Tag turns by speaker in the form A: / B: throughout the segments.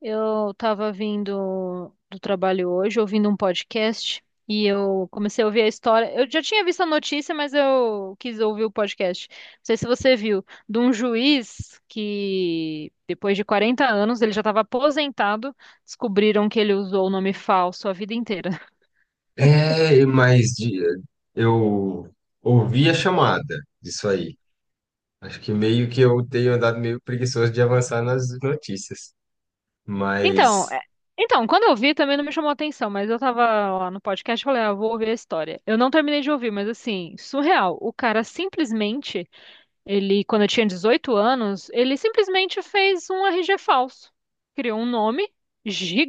A: Eu estava vindo do trabalho hoje, ouvindo um podcast, e eu comecei a ouvir a história. Eu já tinha visto a notícia, mas eu quis ouvir o podcast. Não sei se você viu, de um juiz que, depois de 40 anos, ele já estava aposentado, descobriram que ele usou o nome falso a vida inteira.
B: É, mas eu ouvi a chamada disso aí. Acho que meio que eu tenho andado meio preguiçoso de avançar nas notícias.
A: Então,
B: Mas,
A: é- então, quando eu vi também não me chamou a atenção, mas eu tava lá no podcast e falei, ah, vou ouvir a história. Eu não terminei de ouvir, mas assim, surreal. O cara simplesmente. Ele, quando eu tinha 18 anos, ele simplesmente fez um RG falso. Criou um nome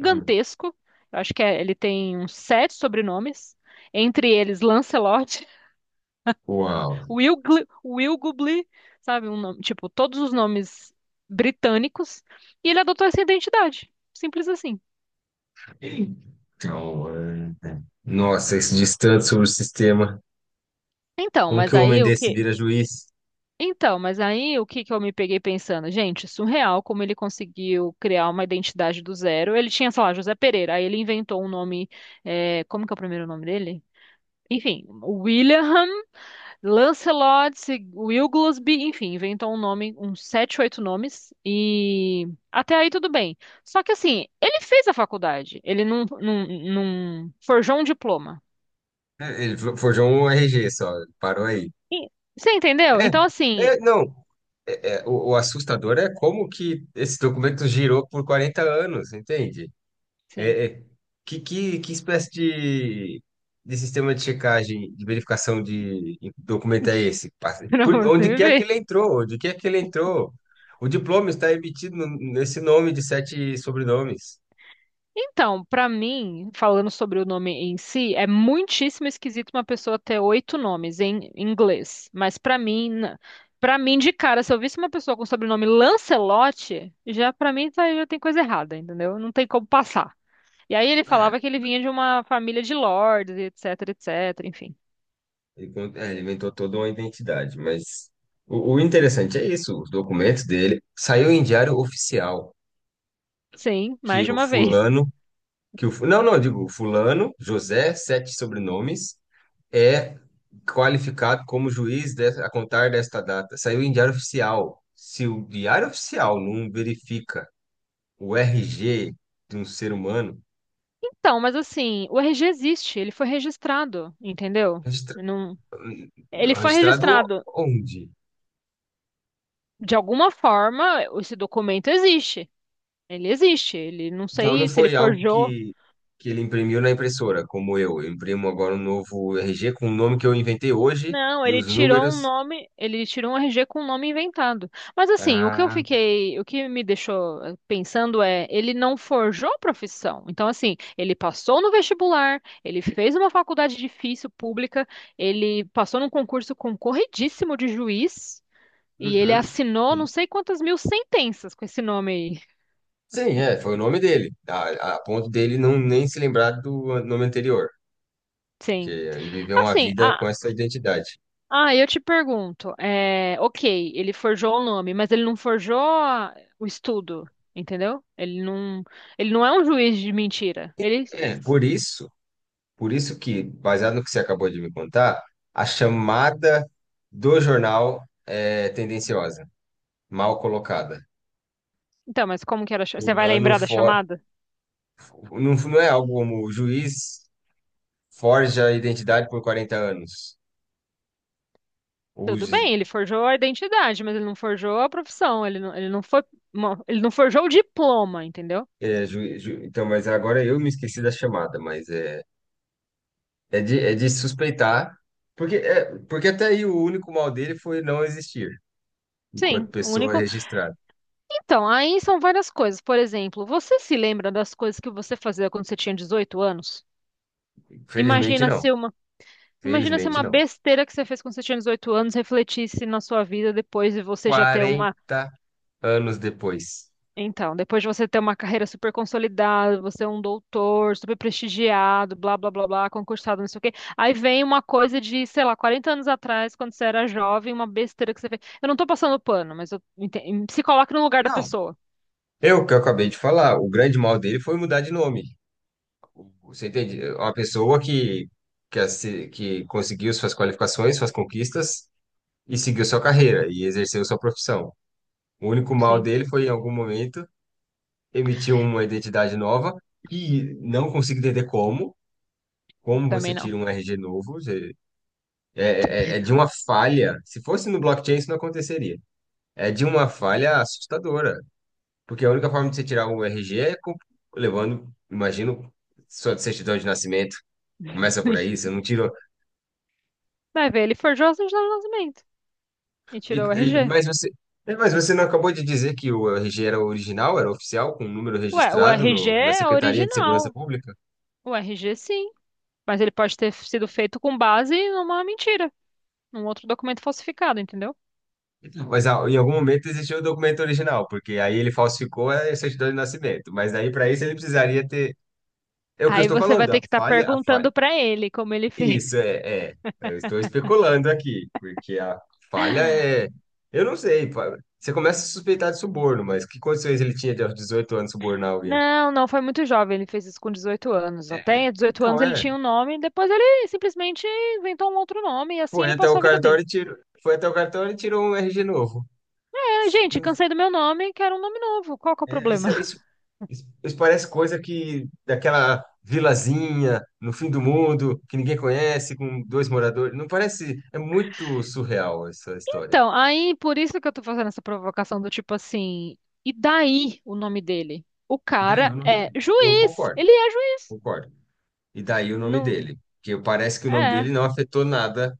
B: hum.
A: Eu acho ele tem uns sete sobrenomes, entre eles Lancelot,
B: Uau.
A: Wilgubli, sabe? Tipo, todos os nomes britânicos. E ele adotou essa identidade. Simples assim.
B: Então, é. Nossa, esse distante sobre o sistema.
A: Então,
B: Como
A: mas
B: que um
A: aí
B: homem
A: o
B: desse
A: que
B: vira juiz?
A: Então, mas aí o que que eu me peguei pensando? Gente, surreal como ele conseguiu criar uma identidade do zero. Ele tinha, sei lá, José Pereira, aí ele inventou um nome. É, como que é o primeiro nome dele? Enfim, William, Lancelot, Wilglesby, enfim, inventou um nome, uns sete, oito nomes, e até aí tudo bem. Só que assim, ele fez a faculdade, ele não, não, não forjou um diploma.
B: É, ele forjou um RG só, parou aí.
A: E- Você entendeu?
B: É,
A: Então, assim,
B: não, é, o assustador é como que esse documento girou por 40 anos, entende?
A: sim,
B: É, é, que espécie de, sistema de checagem, de verificação de documento é esse?
A: pra
B: Por onde
A: você
B: quer que
A: ver.
B: ele entrou, onde quer que ele entrou. O diploma está emitido nesse nome de sete sobrenomes.
A: Então, pra mim, falando sobre o nome em si, é muitíssimo esquisito uma pessoa ter oito nomes em inglês. Pra mim de cara, se eu visse uma pessoa com sobrenome Lancelotti, já pra mim tá- já tem coisa errada, entendeu? Não tem como passar. E aí ele
B: É,
A: falava que ele vinha de uma família de lords, e etc, etc, enfim.
B: ele inventou toda uma identidade, mas o interessante é isso: os documentos dele saiu em diário oficial
A: Sim, mais
B: que
A: de
B: o
A: uma vez.
B: fulano, não, não, eu digo, fulano, José, sete sobrenomes, é qualificado como juiz a contar desta data. Saiu em diário oficial. Se o diário oficial não verifica o RG de um ser humano,
A: Então, mas assim, o RG existe, ele foi registrado, entendeu?
B: registra-
A: Não. Ele foi
B: registrado
A: registrado
B: onde?
A: de alguma forma, esse documento existe. Ele existe, ele não
B: Então não
A: sei se ele
B: foi algo
A: forjou.
B: que ele imprimiu na impressora, como eu. Eu imprimo agora um novo RG com o nome que eu inventei hoje
A: Não,
B: e os números.
A: ele tirou um RG com um nome inventado. Mas assim,
B: Ah.
A: o que me deixou pensando é, ele não forjou a profissão. Então assim, ele passou no vestibular, ele fez uma faculdade difícil pública, ele passou num concurso concorridíssimo de juiz e ele
B: Uhum.
A: assinou não sei quantas mil sentenças com esse nome aí.
B: Sim, é, foi o nome dele, a ponto dele não nem se lembrar do nome anterior, que
A: Sim.
B: ele viveu uma
A: Assim,
B: vida
A: a,
B: com essa identidade.
A: Ah, eu te pergunto, é, ok, ele forjou o nome, mas ele não forjou o estudo, entendeu? Ele não é um juiz de mentira. Ele,
B: É, por isso que, baseado no que você acabou de me contar, a chamada do jornal é tendenciosa, mal colocada.
A: então, mas como que era? Você vai
B: Fulano
A: lembrar da
B: for...
A: chamada?
B: Não, não é algo como "o juiz forja a identidade por 40 anos".
A: Tudo
B: Use.
A: bem, ele forjou a identidade, mas ele não forjou a profissão. Ele não forjou o diploma, entendeu?
B: É, então, mas agora eu me esqueci da chamada, mas é, é de suspeitar, porque até aí o único mal dele foi não existir
A: Sim,
B: enquanto
A: o
B: pessoa
A: único.
B: registrada.
A: Então, aí são várias coisas. Por exemplo, você se lembra das coisas que você fazia quando você tinha 18 anos?
B: Felizmente
A: Imagina
B: não.
A: se uma Imagina se
B: Felizmente
A: uma
B: não.
A: besteira que você fez quando você tinha 18 anos refletisse na sua vida depois de você já ter uma.
B: 40 anos depois.
A: Então, depois de você ter uma carreira super consolidada, você é um doutor, super prestigiado, blá, blá, blá, blá, concursado, não sei o quê. Aí vem uma coisa de, sei lá, 40 anos atrás, quando você era jovem, uma besteira que você fez. Eu não tô passando pano, mas se coloca no lugar da
B: Não,
A: pessoa.
B: Eu que eu acabei de falar, o grande mal dele foi mudar de nome. Você entende? Uma pessoa que conseguiu suas qualificações, suas conquistas e seguiu sua carreira e exerceu sua profissão. O único mal
A: Sim,
B: dele foi, em algum momento, emitir uma identidade nova, e não consigo entender como. Como
A: também
B: você
A: não.
B: tira um RG novo? É, é de uma falha. Se fosse no blockchain, isso não aconteceria. É de uma falha assustadora, porque a única forma de você tirar o RG é levando, imagino, sua certidão de nascimento. Começa por aí: você não tirou.
A: Vai ver, ele forjou a certidão de nascimento e
B: E-
A: tirou o
B: e-
A: RG.
B: mas você, mas você não acabou de dizer que o RG era original, era oficial, com o número
A: Ué, o
B: registrado
A: RG
B: na
A: é
B: Secretaria de Segurança
A: original.
B: Pública?
A: O RG, sim. Mas ele pode ter sido feito com base numa mentira, num outro documento falsificado, entendeu?
B: Então, mas em algum momento existiu o documento original, porque aí ele falsificou a certidão de nascimento. Mas aí, para isso, ele precisaria ter. É o que eu
A: Aí
B: estou
A: você vai
B: falando,
A: ter
B: a
A: que estar
B: falha, a
A: perguntando
B: falha.
A: pra ele como ele fez.
B: Isso é. Eu estou especulando aqui, porque a falha é. Eu não sei. Você começa a suspeitar de suborno, mas que condições ele tinha de, aos 18 anos, subornar alguém?
A: Não, não, foi muito jovem, ele fez isso com 18 anos. Até 18 anos
B: Então,
A: ele
B: é.
A: tinha um nome, depois ele simplesmente inventou um outro nome e assim
B: Foi
A: ele
B: até
A: passou
B: o
A: a vida dele.
B: cartório e tirou. Foi até o cartório e tirou um RG novo.
A: É, gente,
B: Não-
A: cansei do meu nome, quero um nome novo. Qual que é o
B: é,
A: problema?
B: Isso, isso, isso parece coisa que daquela vilazinha no fim do mundo que ninguém conhece, com dois moradores. Não parece. É muito surreal essa história.
A: Então, aí por isso que eu tô fazendo essa provocação do tipo assim, e daí o nome dele? O
B: E daí
A: cara
B: o nome
A: é
B: dele. Eu
A: juiz,
B: concordo,
A: ele é juiz.
B: concordo. E daí o nome
A: Não,
B: dele, que parece que o nome
A: é,
B: dele não afetou nada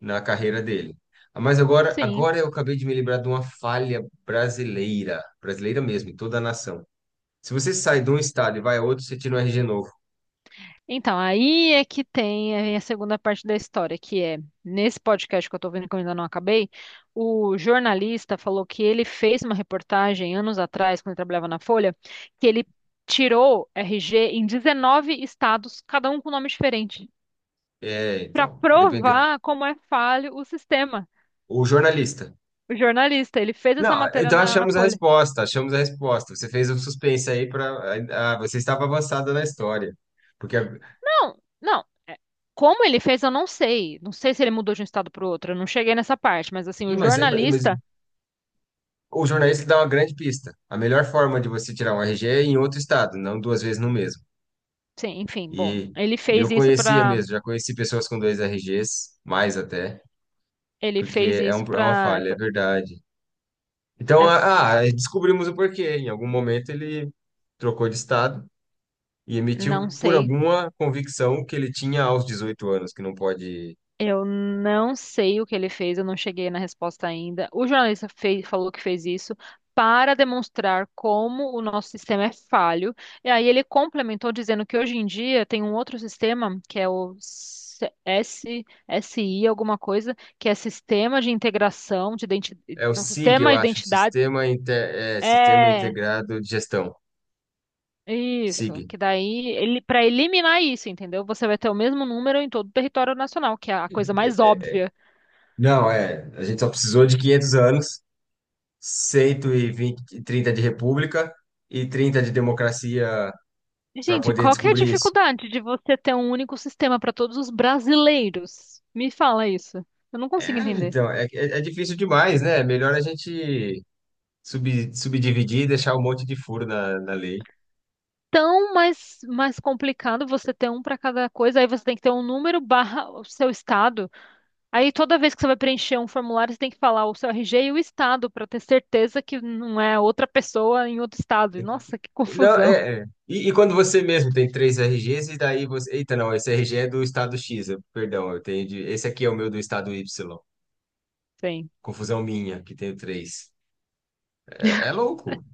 B: na carreira dele. Ah, mas agora,
A: sim.
B: eu acabei de me lembrar de uma falha brasileira, brasileira mesmo, em toda a nação. Se você sai de um estado e vai a outro, você tira um RG novo.
A: Então, aí é que tem a segunda parte da história, que é, nesse podcast que eu tô vendo que eu ainda não acabei, o jornalista falou que ele fez uma reportagem anos atrás, quando ele trabalhava na Folha, que ele tirou RG em 19 estados, cada um com nome diferente,
B: É,
A: para
B: então, depende.
A: provar como é falho o sistema.
B: O jornalista.
A: O jornalista, ele fez essa
B: Não,
A: matéria
B: então
A: na
B: achamos a
A: Folha.
B: resposta, achamos a resposta. Você fez um suspense aí para, você estava avançada na história. Porque,
A: Não, não. Como ele fez, eu não sei. Não sei se ele mudou de um estado para o outro. Eu não cheguei nessa parte, mas assim,
B: Ih,
A: o
B: mas
A: jornalista
B: o jornalista dá uma grande pista. A melhor forma de você tirar um RG é em outro estado, não duas vezes no mesmo.
A: sim, enfim, bom,
B: E, e eu conhecia mesmo, já conheci pessoas com dois RGs, mais até,
A: ele fez
B: porque
A: isso
B: é uma
A: para,
B: falha, é verdade. Então, descobrimos o porquê. Em algum momento ele trocou de estado e
A: não
B: emitiu por
A: sei,
B: alguma convicção que ele tinha aos 18 anos, que não pode.
A: eu não sei o que ele fez, eu não cheguei na resposta ainda. O jornalista fez, falou que fez isso para demonstrar como o nosso sistema é falho. E aí ele complementou dizendo que hoje em dia tem um outro sistema que é o S- S SI alguma coisa, que é sistema de integração de identidade,
B: É o
A: não,
B: SIG,
A: sistema
B: eu
A: de
B: acho,
A: identidade,
B: Sistema, Sistema
A: é.
B: Integrado de Gestão,
A: Isso,
B: SIG.
A: que daí ele para eliminar isso, entendeu? Você vai ter o mesmo número em todo o território nacional, que é a coisa mais óbvia.
B: Não, é. A gente só precisou de 500 anos, 120, 30 de república e 30 de democracia para
A: Gente,
B: poder
A: qual que é a
B: descobrir isso.
A: dificuldade de você ter um único sistema para todos os brasileiros? Me fala isso. Eu não consigo
B: É,
A: entender.
B: então, é difícil demais, né? É melhor a gente subdividir e deixar um monte de furo na lei.
A: Tão mais complicado você ter um para cada coisa, aí você tem que ter um número barra o seu estado. Aí toda vez que você vai preencher um formulário, você tem que falar o seu RG e o estado para ter certeza que não é outra pessoa em outro estado. Nossa, que
B: Não,
A: confusão.
B: é. E quando você mesmo tem três RGs, e daí você... Eita, não, esse RG é do estado X, perdão, eu tenho de... Esse aqui é o meu do estado Y.
A: Sim.
B: Confusão minha, que tenho três. É louco.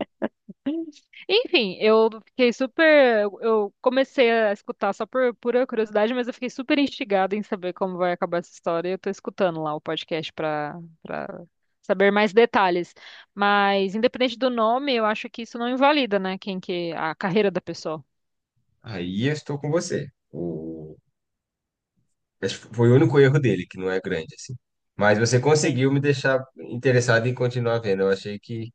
A: Enfim, eu fiquei super. Eu comecei a escutar só por pura curiosidade, mas eu fiquei super instigada em saber como vai acabar essa história. E eu tô escutando lá o podcast pra saber mais detalhes. Mas, independente do nome, eu acho que isso não invalida, né? Quem que. A carreira da pessoa.
B: Aí eu estou com você. O... Acho que foi o único erro dele, que não é grande, assim. Mas você
A: Sim.
B: conseguiu me deixar interessado em continuar vendo. Eu achei que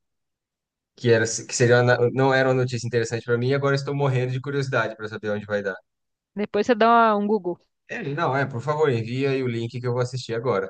B: que era que seria uma não era uma notícia interessante para mim, e agora estou morrendo de curiosidade para saber onde vai dar.
A: Depois você dá um Google.
B: É, não, é, por favor, envia aí o link que eu vou assistir agora.